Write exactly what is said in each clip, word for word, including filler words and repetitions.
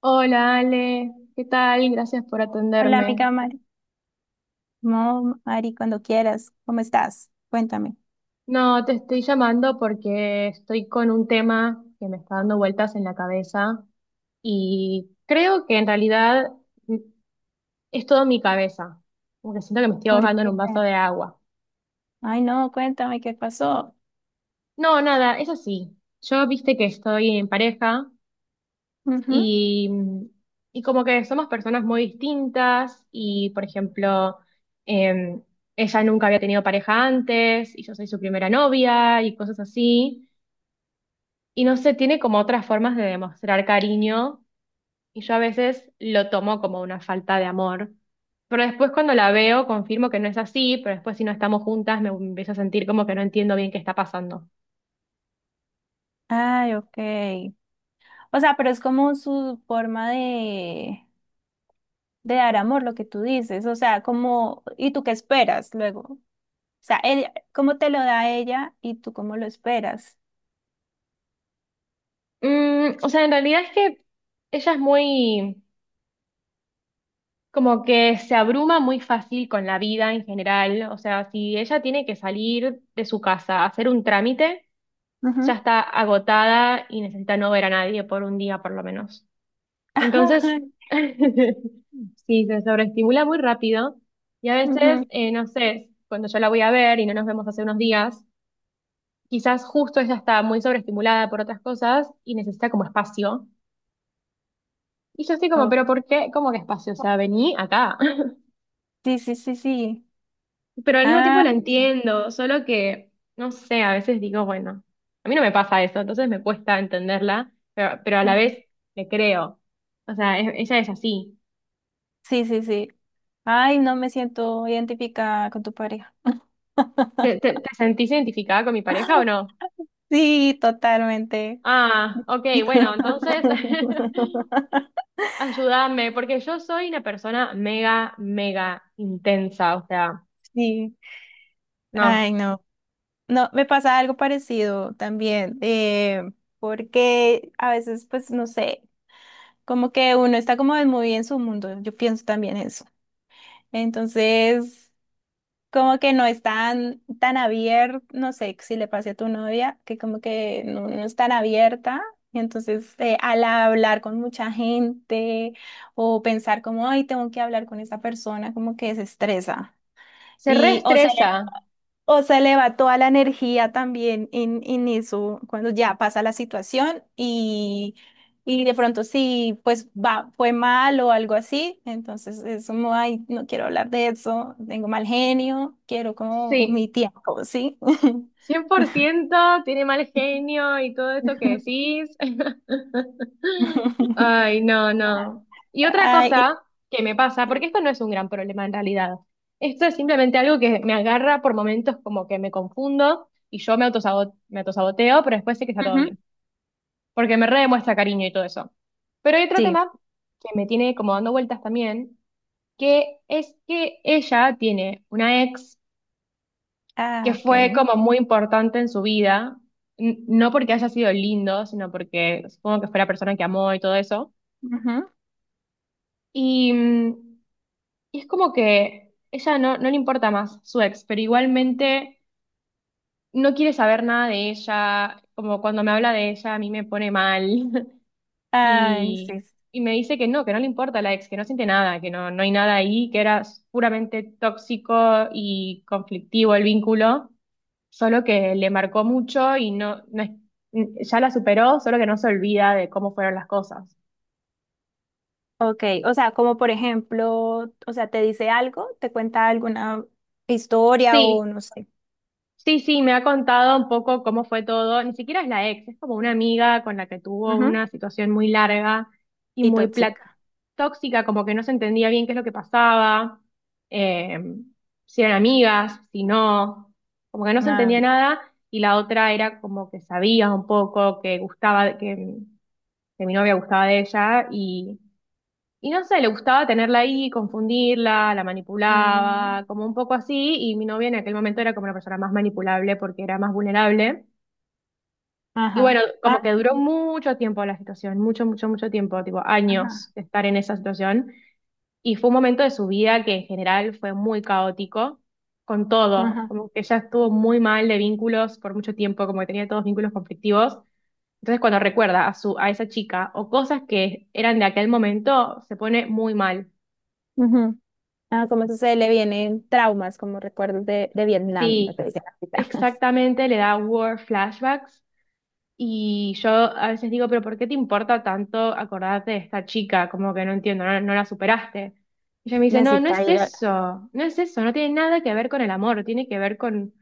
Hola Ale, ¿qué tal? Gracias por Hola, atenderme. amiga Mari. No, Mari, cuando quieras. ¿Cómo estás? Cuéntame. No, te estoy llamando porque estoy con un tema que me está dando vueltas en la cabeza y creo que en realidad, mm, es todo mi cabeza, porque siento que me estoy ¿Por ahogando en qué? un vaso de agua. Ay, no, cuéntame qué pasó. No, nada, es así. Yo viste que estoy en pareja. Ujú. Y, y como que somos personas muy distintas y, por ejemplo, eh, ella nunca había tenido pareja antes y yo soy su primera novia y cosas así. Y no sé, tiene como otras formas de demostrar cariño y yo a veces lo tomo como una falta de amor. Pero después cuando la veo confirmo que no es así, pero después si no estamos juntas me empiezo a sentir como que no entiendo bien qué está pasando. Ay, ok. O sea, pero es como su forma de, de dar amor, lo que tú dices. O sea, como, ¿y tú qué esperas luego? O sea, él, ¿cómo te lo da ella y tú cómo lo esperas? Mm, o sea, en realidad es que ella es muy... Como que se abruma muy fácil con la vida en general. O sea, si ella tiene que salir de su casa a hacer un trámite, ya Ujú. está agotada y necesita no ver a nadie por un día por lo menos. Entonces, sí, se sobreestimula muy rápido. Y a veces, Ujú. eh, no sé, cuando yo la voy a ver y no nos vemos hace unos días, quizás justo ella está muy sobreestimulada por otras cosas y necesita como espacio. Y yo estoy como, Ok. pero ¿por qué? ¿Cómo que espacio? O sea, vení acá. Sí, sí, sí, sí. Pero al mismo tiempo Ah, la entiendo, solo que, no sé, a veces digo, bueno, a mí no me pasa eso, entonces me cuesta entenderla, pero, pero a la ujú. vez le creo. O sea, e- ella es así. Sí, sí, sí. Ay, no me siento identificada con tu pareja. ¿Te, te, te sentís identificada con mi pareja o no? Sí, totalmente. Ah, ok, bueno, entonces ayúdame, porque yo soy una persona mega, mega intensa, o sea, Sí. Ay, no, no. No, me pasa algo parecido también, eh, porque a veces, pues, no sé, como que uno está como muy en su mundo. Yo pienso también eso. Entonces, como que no es tan, tan abierto, no sé, si le pase a tu novia, que como que no, no es tan abierta. Entonces, eh, al hablar con mucha gente o pensar como, ay, tengo que hablar con esa persona, como que se estresa. se Y o se, le- reestresa, o se le va toda la energía también en, en eso, cuando ya pasa la situación y, y de pronto sí, pues va, fue mal o algo así, entonces es como, ay, no quiero hablar de eso, tengo mal genio, quiero como sí. mi tiempo, ¿sí? Cien por ciento tiene mal genio y todo eso que decís. Ay, no, no. Y otra Ay, cosa que me pasa, porque esto no es un gran problema en realidad. Esto es simplemente algo que me agarra por momentos como que me confundo y yo me autosaboteo, me autosaboteo, pero después sé que está todo bien, porque me redemuestra cariño y todo eso. Pero hay otro tema que me tiene como dando vueltas también, que es que ella tiene una ex que ah, ok. fue como muy importante en su vida, n- no porque haya sido lindo, sino porque supongo que fue la persona que amó y todo eso. Ujú. Y, mm, y es como que ella no, no le importa más su ex, pero igualmente no quiere saber nada de ella, como cuando me habla de ella a mí me pone mal. Ay, y, sí. Sí. y me dice que no, que no le importa la ex, que no siente nada, que no, no hay nada ahí, que era puramente tóxico y conflictivo el vínculo. Solo que le marcó mucho y no, no es- ya la superó, solo que no se olvida de cómo fueron las cosas. Ok, o sea, como por ejemplo, o sea, te dice algo, te cuenta alguna historia Sí, o no sé. sí, sí, me ha contado un poco cómo fue todo, ni siquiera es la ex, es como una amiga con la que tuvo Ujú. una situación muy larga y Y muy pla- tóxica. tóxica, como que no se entendía bien qué es lo que pasaba, eh, si eran amigas, si no, como que no se Ah, entendía nada. Y la otra era como que sabía un poco que gustaba, que, que mi novia gustaba de ella. Y no sé, le gustaba tenerla ahí, confundirla, la mm, manipulaba, como un poco así, y mi novia en aquel momento era como la persona más manipulable porque era más vulnerable. Y bueno, ajá. como Ah, que duró mucho tiempo la situación, mucho, mucho, mucho tiempo, tipo años ajá. de estar en esa situación. Y fue un momento de su vida que en general fue muy caótico con todo, Ajá. como que ella estuvo muy mal de vínculos por mucho tiempo, como que tenía todos vínculos conflictivos. Entonces cuando recuerda a su, a esa chica o cosas que eran de aquel momento, se pone muy mal. Ujú. Ah, como eso se le vienen traumas, como recuerdos de, de Vietnam, lo Sí, que dice la cita. exactamente, le da war flashbacks y yo a veces digo, pero ¿por qué te importa tanto acordarte de esta chica? Como que no entiendo, no, no la superaste. Y ella me dice, no, no Necesita es ir a- eso, no es eso, no tiene nada que ver con el amor, tiene que ver con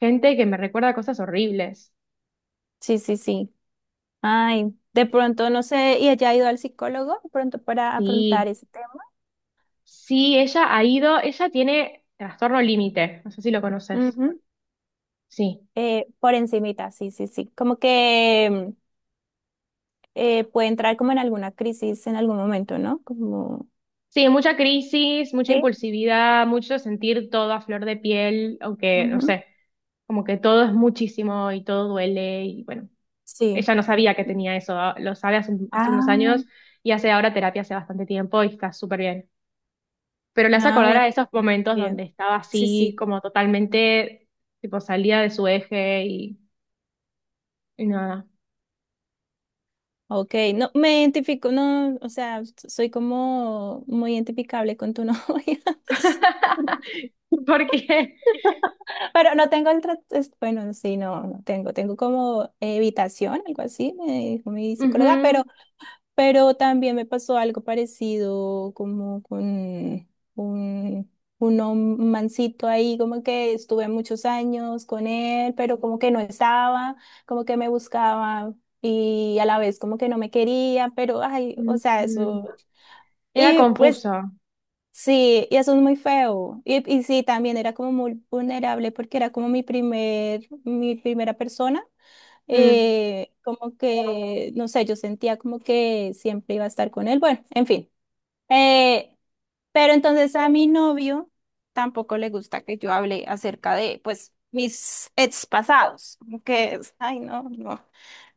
gente que me recuerda cosas horribles. Sí, sí, sí. Ay, de pronto, no sé, y ella ha ido al psicólogo, de pronto para afrontar Sí, ese tema. sí, ella ha ido, ella tiene trastorno límite, no sé si lo conoces. Ujú. Sí. Eh, por encimita, sí, sí, sí. Como que eh, puede entrar como en alguna crisis en algún momento, ¿no? Como... Sí, mucha crisis, mucha Sí. impulsividad, mucho sentir todo a flor de piel, aunque, no Ujú. sé. Como que todo es muchísimo y todo duele y bueno, Sí. ella no sabía que tenía eso, a- lo sabe hace, un- hace unos Ah, años y hace ahora terapia hace bastante tiempo y está súper bien. Pero le hace acordar ah, a esos momentos donde bien. estaba Sí, así sí. como totalmente, tipo salía de su eje y, y nada. Ok, no, me identifico, no, o sea, soy como muy identificable con tu novia, Porque pero no tengo el trato, bueno, sí, no, no tengo, tengo como evitación, algo así, me dijo mi psicóloga, ujú, pero Pero también me pasó algo parecido como con un, un hom- mancito ahí, como que estuve muchos años con él, pero como que no estaba, como que me buscaba y a la vez como que no me quería, pero ay, o sea, mm, eso. era Y pues confuso. sí, y eso es muy feo. Y, y sí, también era como muy vulnerable porque era como mi primer, mi primera persona Mm. eh, como que, no sé, yo sentía como que siempre iba a estar con él. Bueno, en fin. Eh, pero entonces a mi novio tampoco le gusta que yo hable acerca de, pues, mis ex pasados. Como que, es, ay, no, no,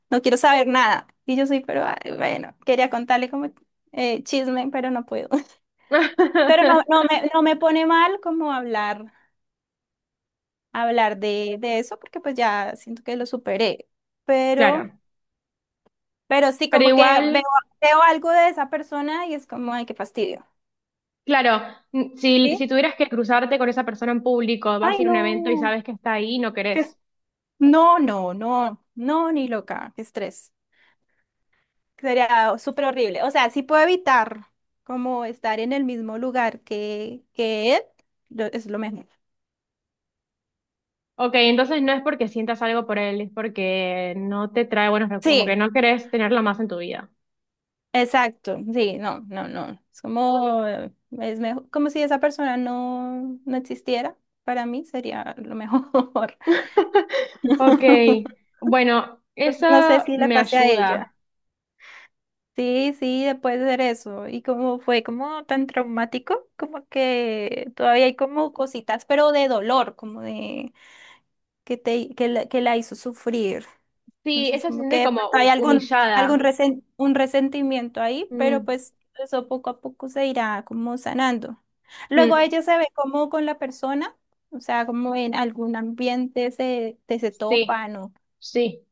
no quiero saber nada. Y yo soy, pero ay, bueno, quería contarle como eh, chisme, pero no puedo. Pero no, no me, no me pone mal como hablar, hablar de, de eso, porque pues ya siento que lo superé. Claro, Pero Pero sí, pero como que veo, igual... veo algo de esa persona y es como, ay, qué fastidio. Claro, mm, si, ¿Sí? si tuvieras que cruzarte con esa persona en público, vas a Ay, ir a un evento y no. sabes que está ahí y no Qué es- querés. no, no, no, no, ni loca. Qué estrés. Sería súper horrible. O sea, sí puedo evitar como estar en el mismo lugar que, que él, lo- es lo mejor. Ok, entonces no es porque sientas algo por él, es porque no te trae buenos recuerdos, como que Sí, no querés tenerlo más en tu vida. exacto. Sí, no, no, no. Es como, eh, es mejor, como si esa persona no, no existiera. Para mí sería lo mejor. Ok, bueno, Entonces, eso no sé si le me pase a ella. ayuda. Sí, sí, después de hacer eso. Y como fue como tan traumático, como que todavía hay como cositas, pero de dolor, como de que te que la, que la hizo sufrir. Sí, Entonces, ella se como que siente de como pronto hay hu- algún, algún humillada. resen- un resentimiento ahí, pero Mm, pues eso poco a poco se irá como sanando. Luego mm, ella se ve como con la persona, o sea, como en algún ambiente se, te se sí, topan o, sí.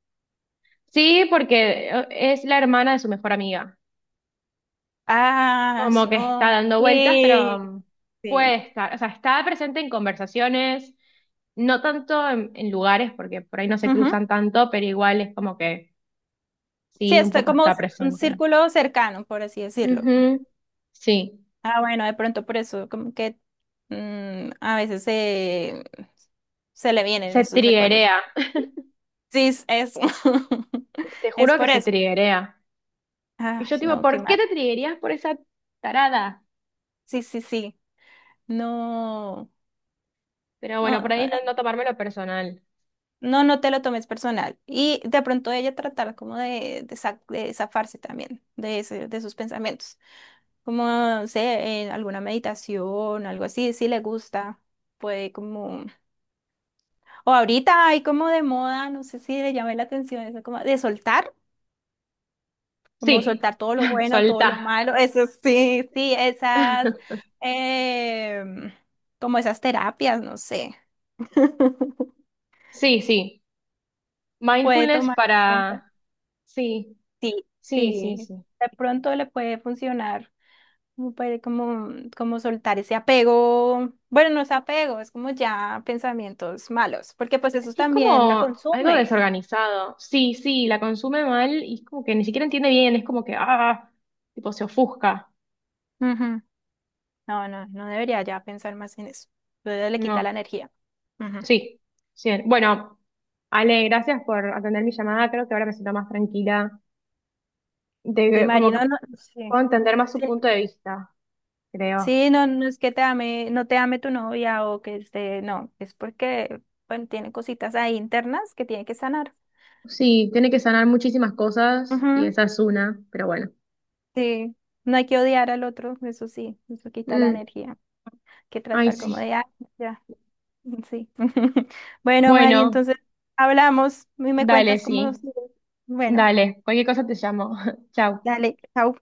Sí, porque eh, es la hermana de su mejor amiga. ah, Como que está no, dando vueltas, pero sí, mm, puede sí. estar, o sea, está presente en conversaciones, no tanto en, en lugares, porque por ahí no se cruzan tanto, pero igual es como que Sí, sí, un está poco como está un presente. círculo cercano, por así decirlo. Ujú, sí, Ah, bueno, de pronto por eso, como que mm, a veces se, se le vienen se esos recuerdos. triguea, Sí, es eso. te Es juro que por se eso. triguea. Y Ay, yo tipo, no, qué ¿por qué mal. te triguerías por esa tarada? Sí, sí, sí. No, Pero bueno, por no, ahí es no, no, tomármelo personal. no, no te lo tomes personal. Y de pronto ella tratar como de, de, sa- de zafarse también de, ese- de sus pensamientos. Como, no sé, en alguna meditación, algo así, si le gusta, puede como... O ahorita hay como de moda, no sé si le llamé la atención, eso como de soltar, como Sí, soltar todo lo bueno, todo lo soltá. malo, eso sí, sí, esas, em, como esas terapias, no sé, Sí, sí. puede Mindfulness tomar en cuenta. para... Sí, Sí, sí, sí, sí, sí. de pronto le puede funcionar, como, puede- como, como soltar ese apego, bueno, no es apego, es como ya pensamientos malos, porque pues eso Sí, es también la como algo consume. desorganizado. Sí, sí, la consume mal y es como que ni siquiera entiende bien, es como que, ah, tipo se ofusca. No, no, no debería ya pensar más en eso. Luego le quita la No, energía. Ujú. sí, sí. Bueno, Ale, gracias por atender mi llamada, creo que ahora me siento más tranquila, Sí, de, como Mari, que no, no, sí. puedo entender más su Sí, punto de vista, creo. sí, no, no es que te ame, no te ame tu novia o que esté, no, es porque, bueno, tiene cositas ahí internas que tiene que sanar. Sí, tiene que sanar muchísimas cosas y Ujú. esa es una, pero bueno. Sí, no hay que odiar al otro, eso sí, eso quita la Mm, energía. Hay que ay, tratar sí. como de, ah, ya, sí. Bueno, Mari, Bueno, entonces hablamos y me dale, cuentas cómo. sí, Bueno, dale, cualquier cosa te llamo. Chao. dale, chao.